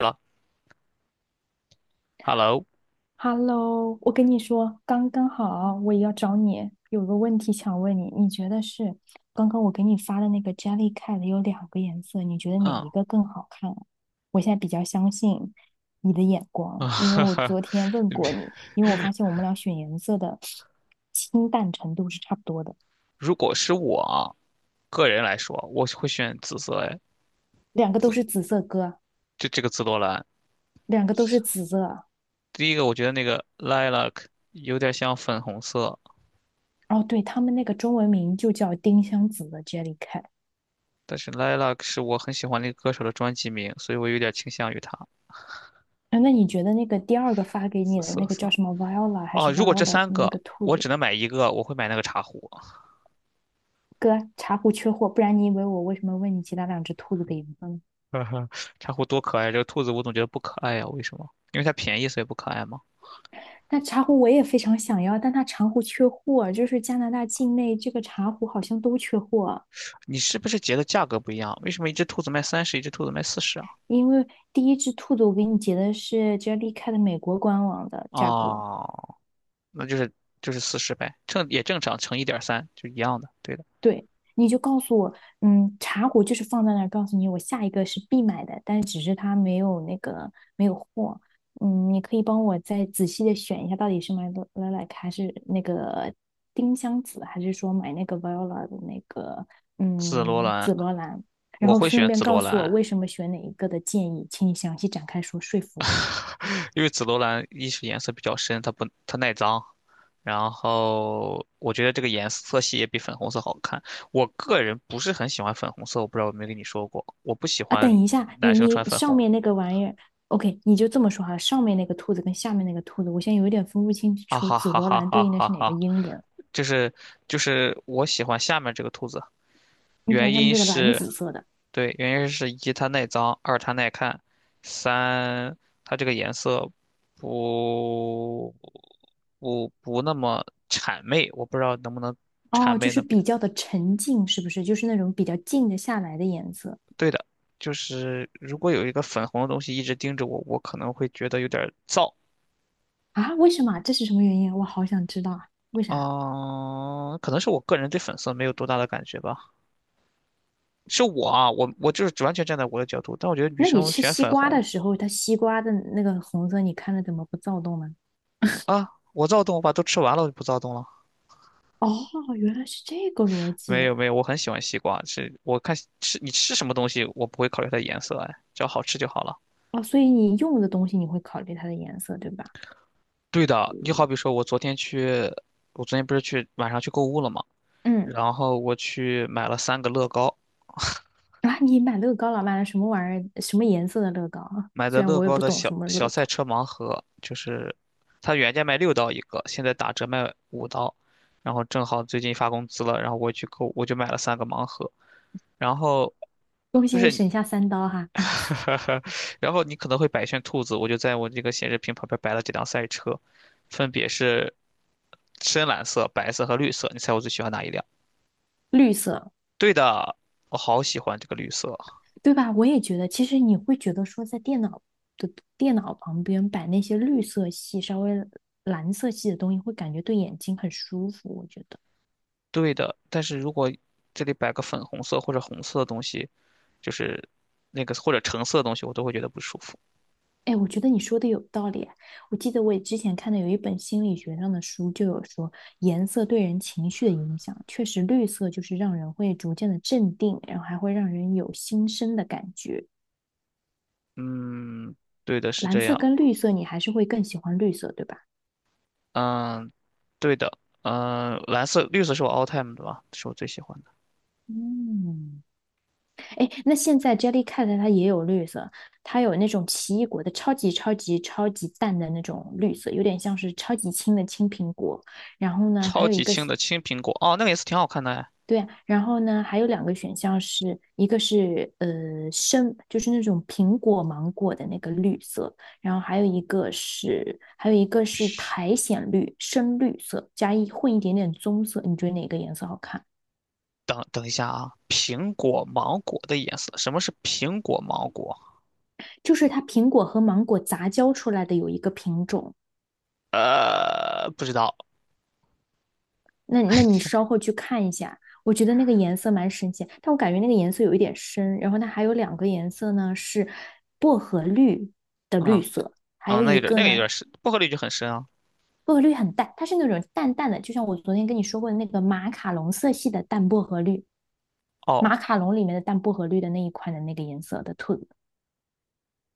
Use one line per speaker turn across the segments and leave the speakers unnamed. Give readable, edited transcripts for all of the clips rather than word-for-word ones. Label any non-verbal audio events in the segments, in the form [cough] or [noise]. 了，Hello，
Hello，我跟你说，刚刚好，我也要找你，有个问题想问你，你觉得是刚刚我给你发的那个 Jellycat 有两个颜色，你觉得哪
嗯，
一个更好看啊。我现在比较相信你的眼光，因为我昨
[laughs]
天问过你，因为我发现我们俩选颜色的清淡程度是差不多的，
如果是我啊个人来说，我会选紫色，哎，
两个都是紫色哥，
就这个紫罗兰。
两个都是紫色。
第一个，我觉得那个 Lilac 有点像粉红色，
哦，对，他们那个中文名就叫丁香紫的 Jellycat。
但是 Lilac 是我很喜欢那个歌手的专辑名，所以我有点倾向于它
哎，那你觉得那个第二个发给你
紫
的
色
那个叫
色。
什么 Viola 还
哦，
是
如果这
Violet 的
三
那个
个
兔
我
子？
只能买一个，我会买那个茶壶。
哥，茶壶缺货，不然你以为我为什么问你其他两只兔子的颜色呢？
[laughs] 茶壶多可爱，这个兔子我总觉得不可爱呀、为什么？因为它便宜，所以不可爱吗？
但茶壶我也非常想要，但它茶壶缺货，就是加拿大境内这个茶壶好像都缺货。
你是不是觉得价格不一样？为什么一只兔子卖30，一只兔子卖四十啊？
因为第一只兔子我给你截的是 Jellycat 美国官网的价格，
哦，那就是四十呗，正也正常乘1.3，就一样的，对的。
对，你就告诉我，嗯，茶壶就是放在那儿，告诉你我下一个是必买的，但只是它没有那个没有货。嗯，你可以帮我再仔细的选一下，到底是买 lilac 还是那个丁香紫，还是说买那个 viola 的那个
紫罗兰，
紫罗兰？然
我
后
会
顺
选
便
紫
告
罗
诉我
兰，
为什么选哪一个的建议，请你详细展开说说服我。
[laughs] 因为紫罗兰一是颜色比较深，它不它耐脏，然后我觉得这个颜色系也比粉红色好看。我个人不是很喜欢粉红色，我不知道有没有跟你说过，我不喜
啊，等
欢
一下，你
男生
你
穿粉
上
红。
面那个玩意儿，OK，你就这么说哈，上面那个兔子跟下面那个兔子，我现在有点分不清
啊
楚
哈
紫
哈
罗
哈
兰
哈
对应的
哈
是哪个
哈！
英文。
就是就是，我喜欢下面这个兔子，
你
原
看下面
因
这个蓝
是
紫色的，
对，原因是一它耐脏，二它耐看，三它这个颜色不不那么谄媚，我不知道能不能谄
哦，就
媚
是
那边。
比较的沉静，是不是？就是那种比较静得下来的颜色。
对的，就是如果有一个粉红的东西一直盯着我，我可能会觉得有点儿燥
啊？为什么啊，这是什么原因啊，我好想知道啊，为啥？
啊，可能是我个人对粉色没有多大的感觉吧。是我啊，我就是完全站在我的角度，但我觉得女
那你
生
吃
选
西
粉
瓜
红
的时候，它西瓜的那个红色，你看了怎么不躁动呢？
啊，我躁动，我把都吃完了，我就不躁动了。
哦，原来是这个逻
没
辑。
有没有，我很喜欢西瓜，是我看吃你吃什么东西，我不会考虑它颜色，哎，只要好吃就好了。
哦，所以你用的东西你会考虑它的颜色，对吧？
对的，你好比说，我昨天去，我昨天不是去晚上去购物了嘛，
嗯。
然后我去买了三个乐高，
啊，你买乐高了，买了什么玩意儿？什么颜色的乐高啊？
买
虽
的
然
乐
我也
高
不
的
懂
小
什么
小
乐
赛
高，
车盲盒，就是它原价卖6刀一个，现在打折卖5刀，然后正好最近发工资了，然后我去购，我就买了三个盲盒，然后。
恭喜
就
你
是
省下3刀哈。啊，
[laughs] 然后你可能会摆一圈兔子，我就在我这个显示屏旁边摆了几辆赛车，分别是深蓝色、白色和绿色。你猜我最喜欢哪一辆？
绿色，
对的，我好喜欢这个绿色。
对吧？我也觉得，其实你会觉得说，在电脑的电脑旁边摆那些绿色系、稍微蓝色系的东西，会感觉对眼睛很舒服。我觉得，
对的，但是如果这里摆个粉红色或者红色的东西，就是那个或者橙色的东西，我都会觉得不舒服。
哎，我觉得你说的有道理。我记得我也之前看的有一本心理学上的书，就有说颜色对人情绪的影响，确实绿色就是让人会逐渐的镇定，然后还会让人有新生的感觉。
嗯，对的，是
蓝
这
色
样。
跟绿色，你还是会更喜欢绿色，对吧？
嗯，对的。嗯，蓝色、绿色是我 all time 的吧，是我最喜欢的。
嗯，哎，那现在 Jellycat 它也有绿色，它有那种奇异果的超级超级超级淡的那种绿色，有点像是超级青的青苹果。然后呢，还
超
有一
级
个。
轻的青苹果，哦，那个颜色挺好看的哎。
对啊，然后呢还有两个选项是，一个是深，就是那种苹果芒果的那个绿色，然后还有一个是苔藓绿，深绿色加一混一点点棕色，你觉得哪个颜色好看？
等等一下啊，苹果芒果的颜色，什么是苹果芒果？
就是它苹果和芒果杂交出来的有一个品种。
不知道。
那你稍后去看一下，我觉得那个颜色蛮神奇，但我感觉那个颜色有一点深。然后它还有两个颜色呢，是薄荷绿的绿
嗯
色，还
啊，
有
那
一
有点
个
那个有
呢，
点深，不合理就很深啊。
薄荷绿很淡，它是那种淡淡的，就像我昨天跟你说过的那个马卡龙色系的淡薄荷绿，
哦
马卡龙里面的淡薄荷绿的那一款的那个颜色的兔子。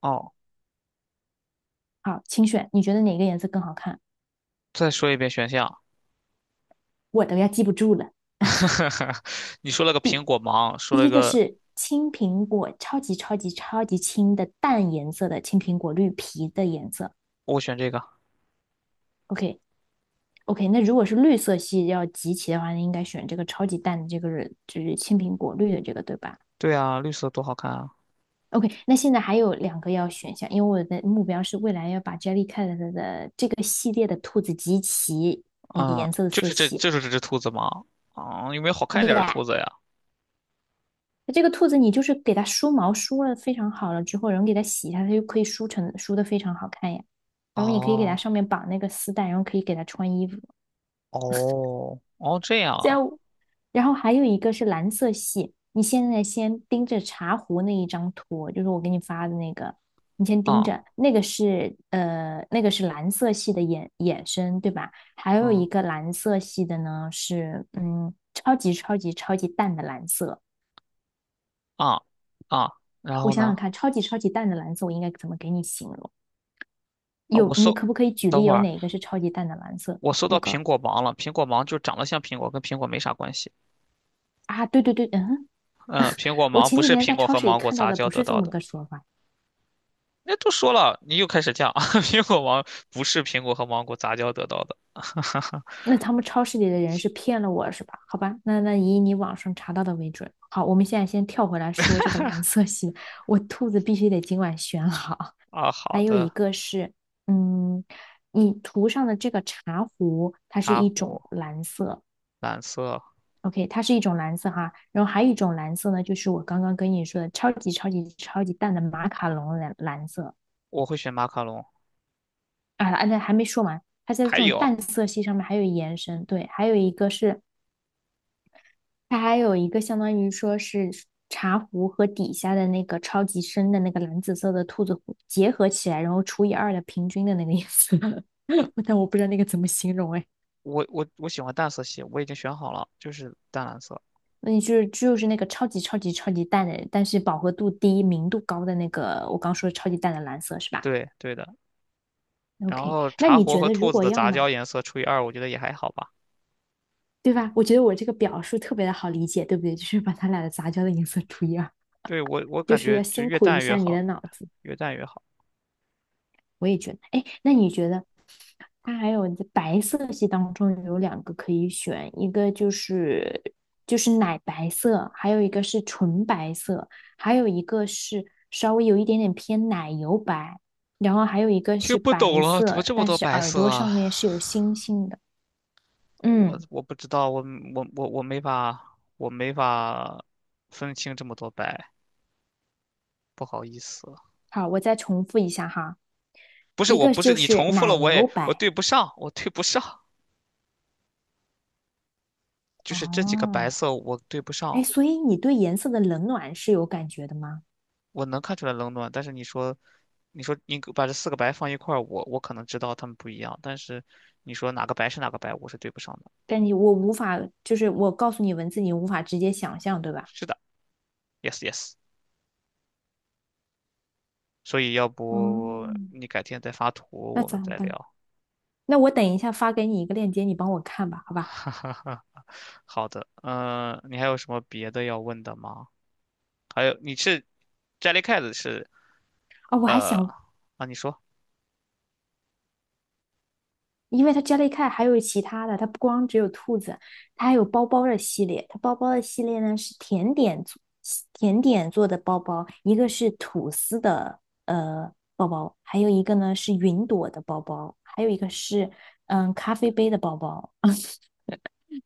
哦，
好，请选，你觉得哪个颜色更好看？
再说一遍选项，
我都要记不住了。
[laughs] 你说了个苹果芒，说
第
了
一个
个
是青苹果，超级超级超级青的淡颜色的青苹果，绿皮的颜色。
我选这个。
OK。 OK，那如果是绿色系要集齐的话，那应该选这个超级淡的这个就是青苹果绿的这个，对吧
对啊，绿色多好看啊！
？OK，那现在还有两个要选项，因为我的目标是未来要把 Jellycat 的这个系列的兔子集齐
啊、
颜色的
就
色
是这，
系。
就是这只兔子吗？啊、有没有好看一
耶、
点的
yeah，
兔子呀？
这个兔子你就是给它梳毛梳了非常好了之后，然后给它洗一下，它就可以梳成梳的非常好看呀。然后你可以给它
哦
上面绑那个丝带，然后可以给它穿衣服。
哦哦，这样啊
这样，然后还有一个是蓝色系，你现在先盯着茶壶那一张图，就是我给你发的那个，你先盯
啊
着，那个是蓝色系的衍生，对吧？还有一
嗯
个蓝色系的呢是超级超级超级淡的蓝色。
啊啊，然
我
后
想
呢？
想看，超级超级淡的蓝色，我应该怎么给你形容？
啊，我
有，你
搜，
可不可以举
等
例
会
有
儿。
哪一个是超级淡的蓝色？
我搜
我
到
搞。
苹果芒了，苹果芒就长得像苹果，跟苹果没啥关系。
啊，对对对，嗯，
嗯，苹果
我
芒
前
不
几
是
天
苹
在
果
超
和
市里
芒果
看到
杂
的
交
不
得
是这
到
么
的。
个说法。
那都说了，你又开始犟。[laughs] 苹果芒不是苹果和芒果杂交得到的。
那他们超市里的人是骗了我是吧？好吧，那那以你网上查到的为准。好，我们现在先跳回来说这个蓝色系，我兔子必须得今晚选好。
啊，好
还有一
的，
个是，嗯，你涂上的这个茶壶，它是
茶
一种
壶
蓝色，
蓝色，
OK，它是一种蓝色哈，然后还有一种蓝色呢，就是我刚刚跟你说的超级超级超级淡的马卡龙蓝蓝色。
我会选马卡龙。
啊，啊那还没说完，它在这
还
种
有，
淡色系上面还有延伸，对，还有一个是它还有一个相当于说是茶壶和底下的那个超级深的那个蓝紫色的兔子壶结合起来，然后除以二的平均的那个颜色，[laughs] 但我不知道那个怎么形容哎。
我喜欢淡色系，我已经选好了，就是淡蓝色。
那你就是就是那个超级超级超级淡的，但是饱和度低、明度高的那个，我刚说的超级淡的蓝色是吧
对对的。然
？OK，
后
那
茶
你
壶
觉
和
得如
兔子
果
的
要
杂
买，
交颜色除以二，我觉得也还好吧。
对吧？我觉得我这个表述特别的好理解，对不对？就是把它俩的杂交的颜色除以二，
对，我
就
感
是
觉
要
就
辛
越
苦一
淡越
下你
好，
的脑子。
越淡越好。
我也觉得，哎，那你觉得它还有白色系当中有两个可以选，一个就是就是奶白色，还有一个是纯白色，还有一个是稍微有一点点偏奶油白，然后还有一个
听
是
不懂
白
了，怎么
色，
这么
但
多
是
白
耳
色
朵上
啊？
面是有星星的。
我
嗯，
我不知道，我没法，我没法分清这么多白，不好意思。
好，我再重复一下哈，
不是，
一
我
个
不是
就
你
是
重复
奶
了，我
油
也我
白。
对不上，我对不上，就是这几个白
哦，
色我对不
哎，
上，
所以你对颜色的冷暖是有感觉的吗？
我能看出来冷暖，但是你说，你说你把这四个白放一块儿，我可能知道它们不一样，但是你说哪个白是哪个白，我是对不上的。
但你我无法，就是我告诉你文字，你无法直接想象，对吧？
是的，yes yes，所以要不
嗯，
你改天再发图，
那
我
咋
们再
办？
聊。
那我等一下发给你一个链接，你帮我看吧，好
[laughs]
吧？
哈哈哈，好的，嗯、你还有什么别的要问的吗？还有，你是 Jellycat 是
啊、我还
呃
想，
啊，你说，
因为它 Jellycat 还有其他的，它不光只有兔子，它还有包包的系列。它包包的系列呢是甜点做的包包，一个是吐司的呃包包，还有一个呢是云朵的包包，还有一个是咖啡杯的包包。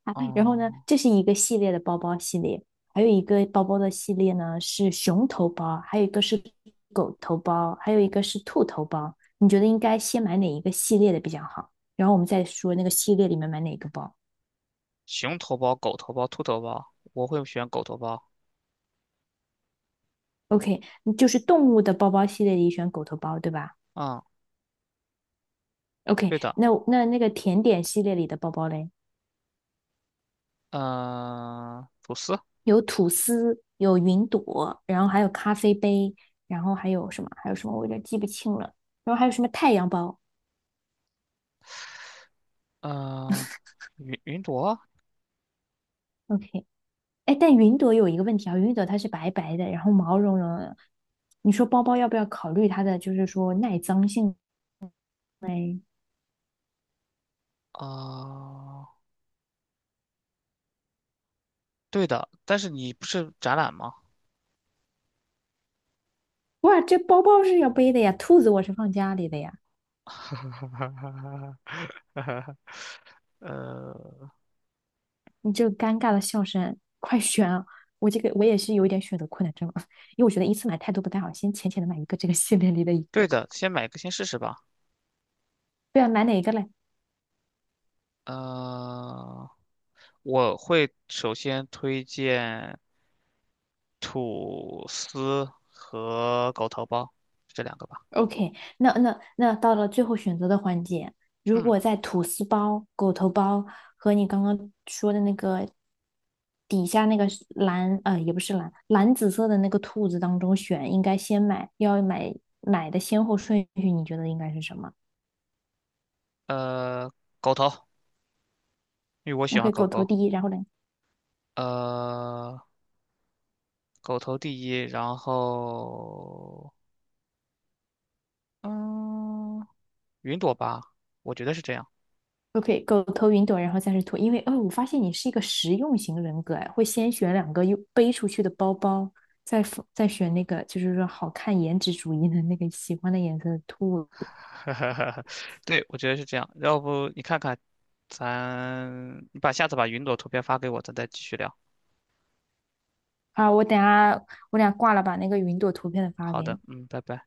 啊，然后呢，
哦、
这是一个系列的包包系列，还有一个包包的系列呢是熊头包，还有一个是狗头包，还有一个是兔头包。你觉得应该先买哪一个系列的比较好？然后我们再说那个系列里面买哪个包。
熊头包、狗头包、兔头包，我会选狗头包。
OK，嗯就是动物的包包系列里选狗头包，对吧
嗯，
？OK，
对的，
那那个甜点系列里的包包嘞，
嗯、吐司，
有吐司，有云朵，然后还有咖啡杯，然后还有什么？还有什么？我有点记不清了。然后还有什么太阳包
嗯、云朵，
？OK，哎，但云朵有一个问题啊，云朵它是白白的，然后毛茸茸的。你说包包要不要考虑它的，就是说耐脏性？
啊、对的，但是你不是展览吗？
哇，这包包是要背的呀，兔子我是放家里的呀。
[laughs] 呃，
你这个尴尬的笑声，快选啊！我这个我也是有一点选择困难症啊，因为我觉得一次买太多不太好，先浅浅的买一个这个系列里的一
对
个。
的，先买一个先试试吧。
对啊，买哪一个嘞？
嗯。我会首先推荐吐司和狗头包这两个吧。
OK，那到了最后选择的环节，如
嗯，
果在吐司包、狗头包和你刚刚说的那个底下那个是蓝也不是蓝蓝紫色的那个兔子当中选，应该先买要买买的先后顺序，你觉得应该是什么
呃，狗头，因为我喜欢
？OK，
狗
狗头
狗。
第一，然后呢？
呃，狗头第一，然后嗯，云朵吧，我觉得是这样。
OK，狗头云朵，然后再是兔，因为哦，我发现你是一个实用型人格哎，会先选两个又背出去的包包，再选那个就是说好看颜值主义的那个喜欢的颜色的兔子。
[laughs] 对，我觉得是这样。要不你看看，咱你把下次把云朵图片发给我，咱再继续聊。
好，我等下我俩挂了，把那个云朵图片的发
好
给
的，
你。
嗯，拜拜。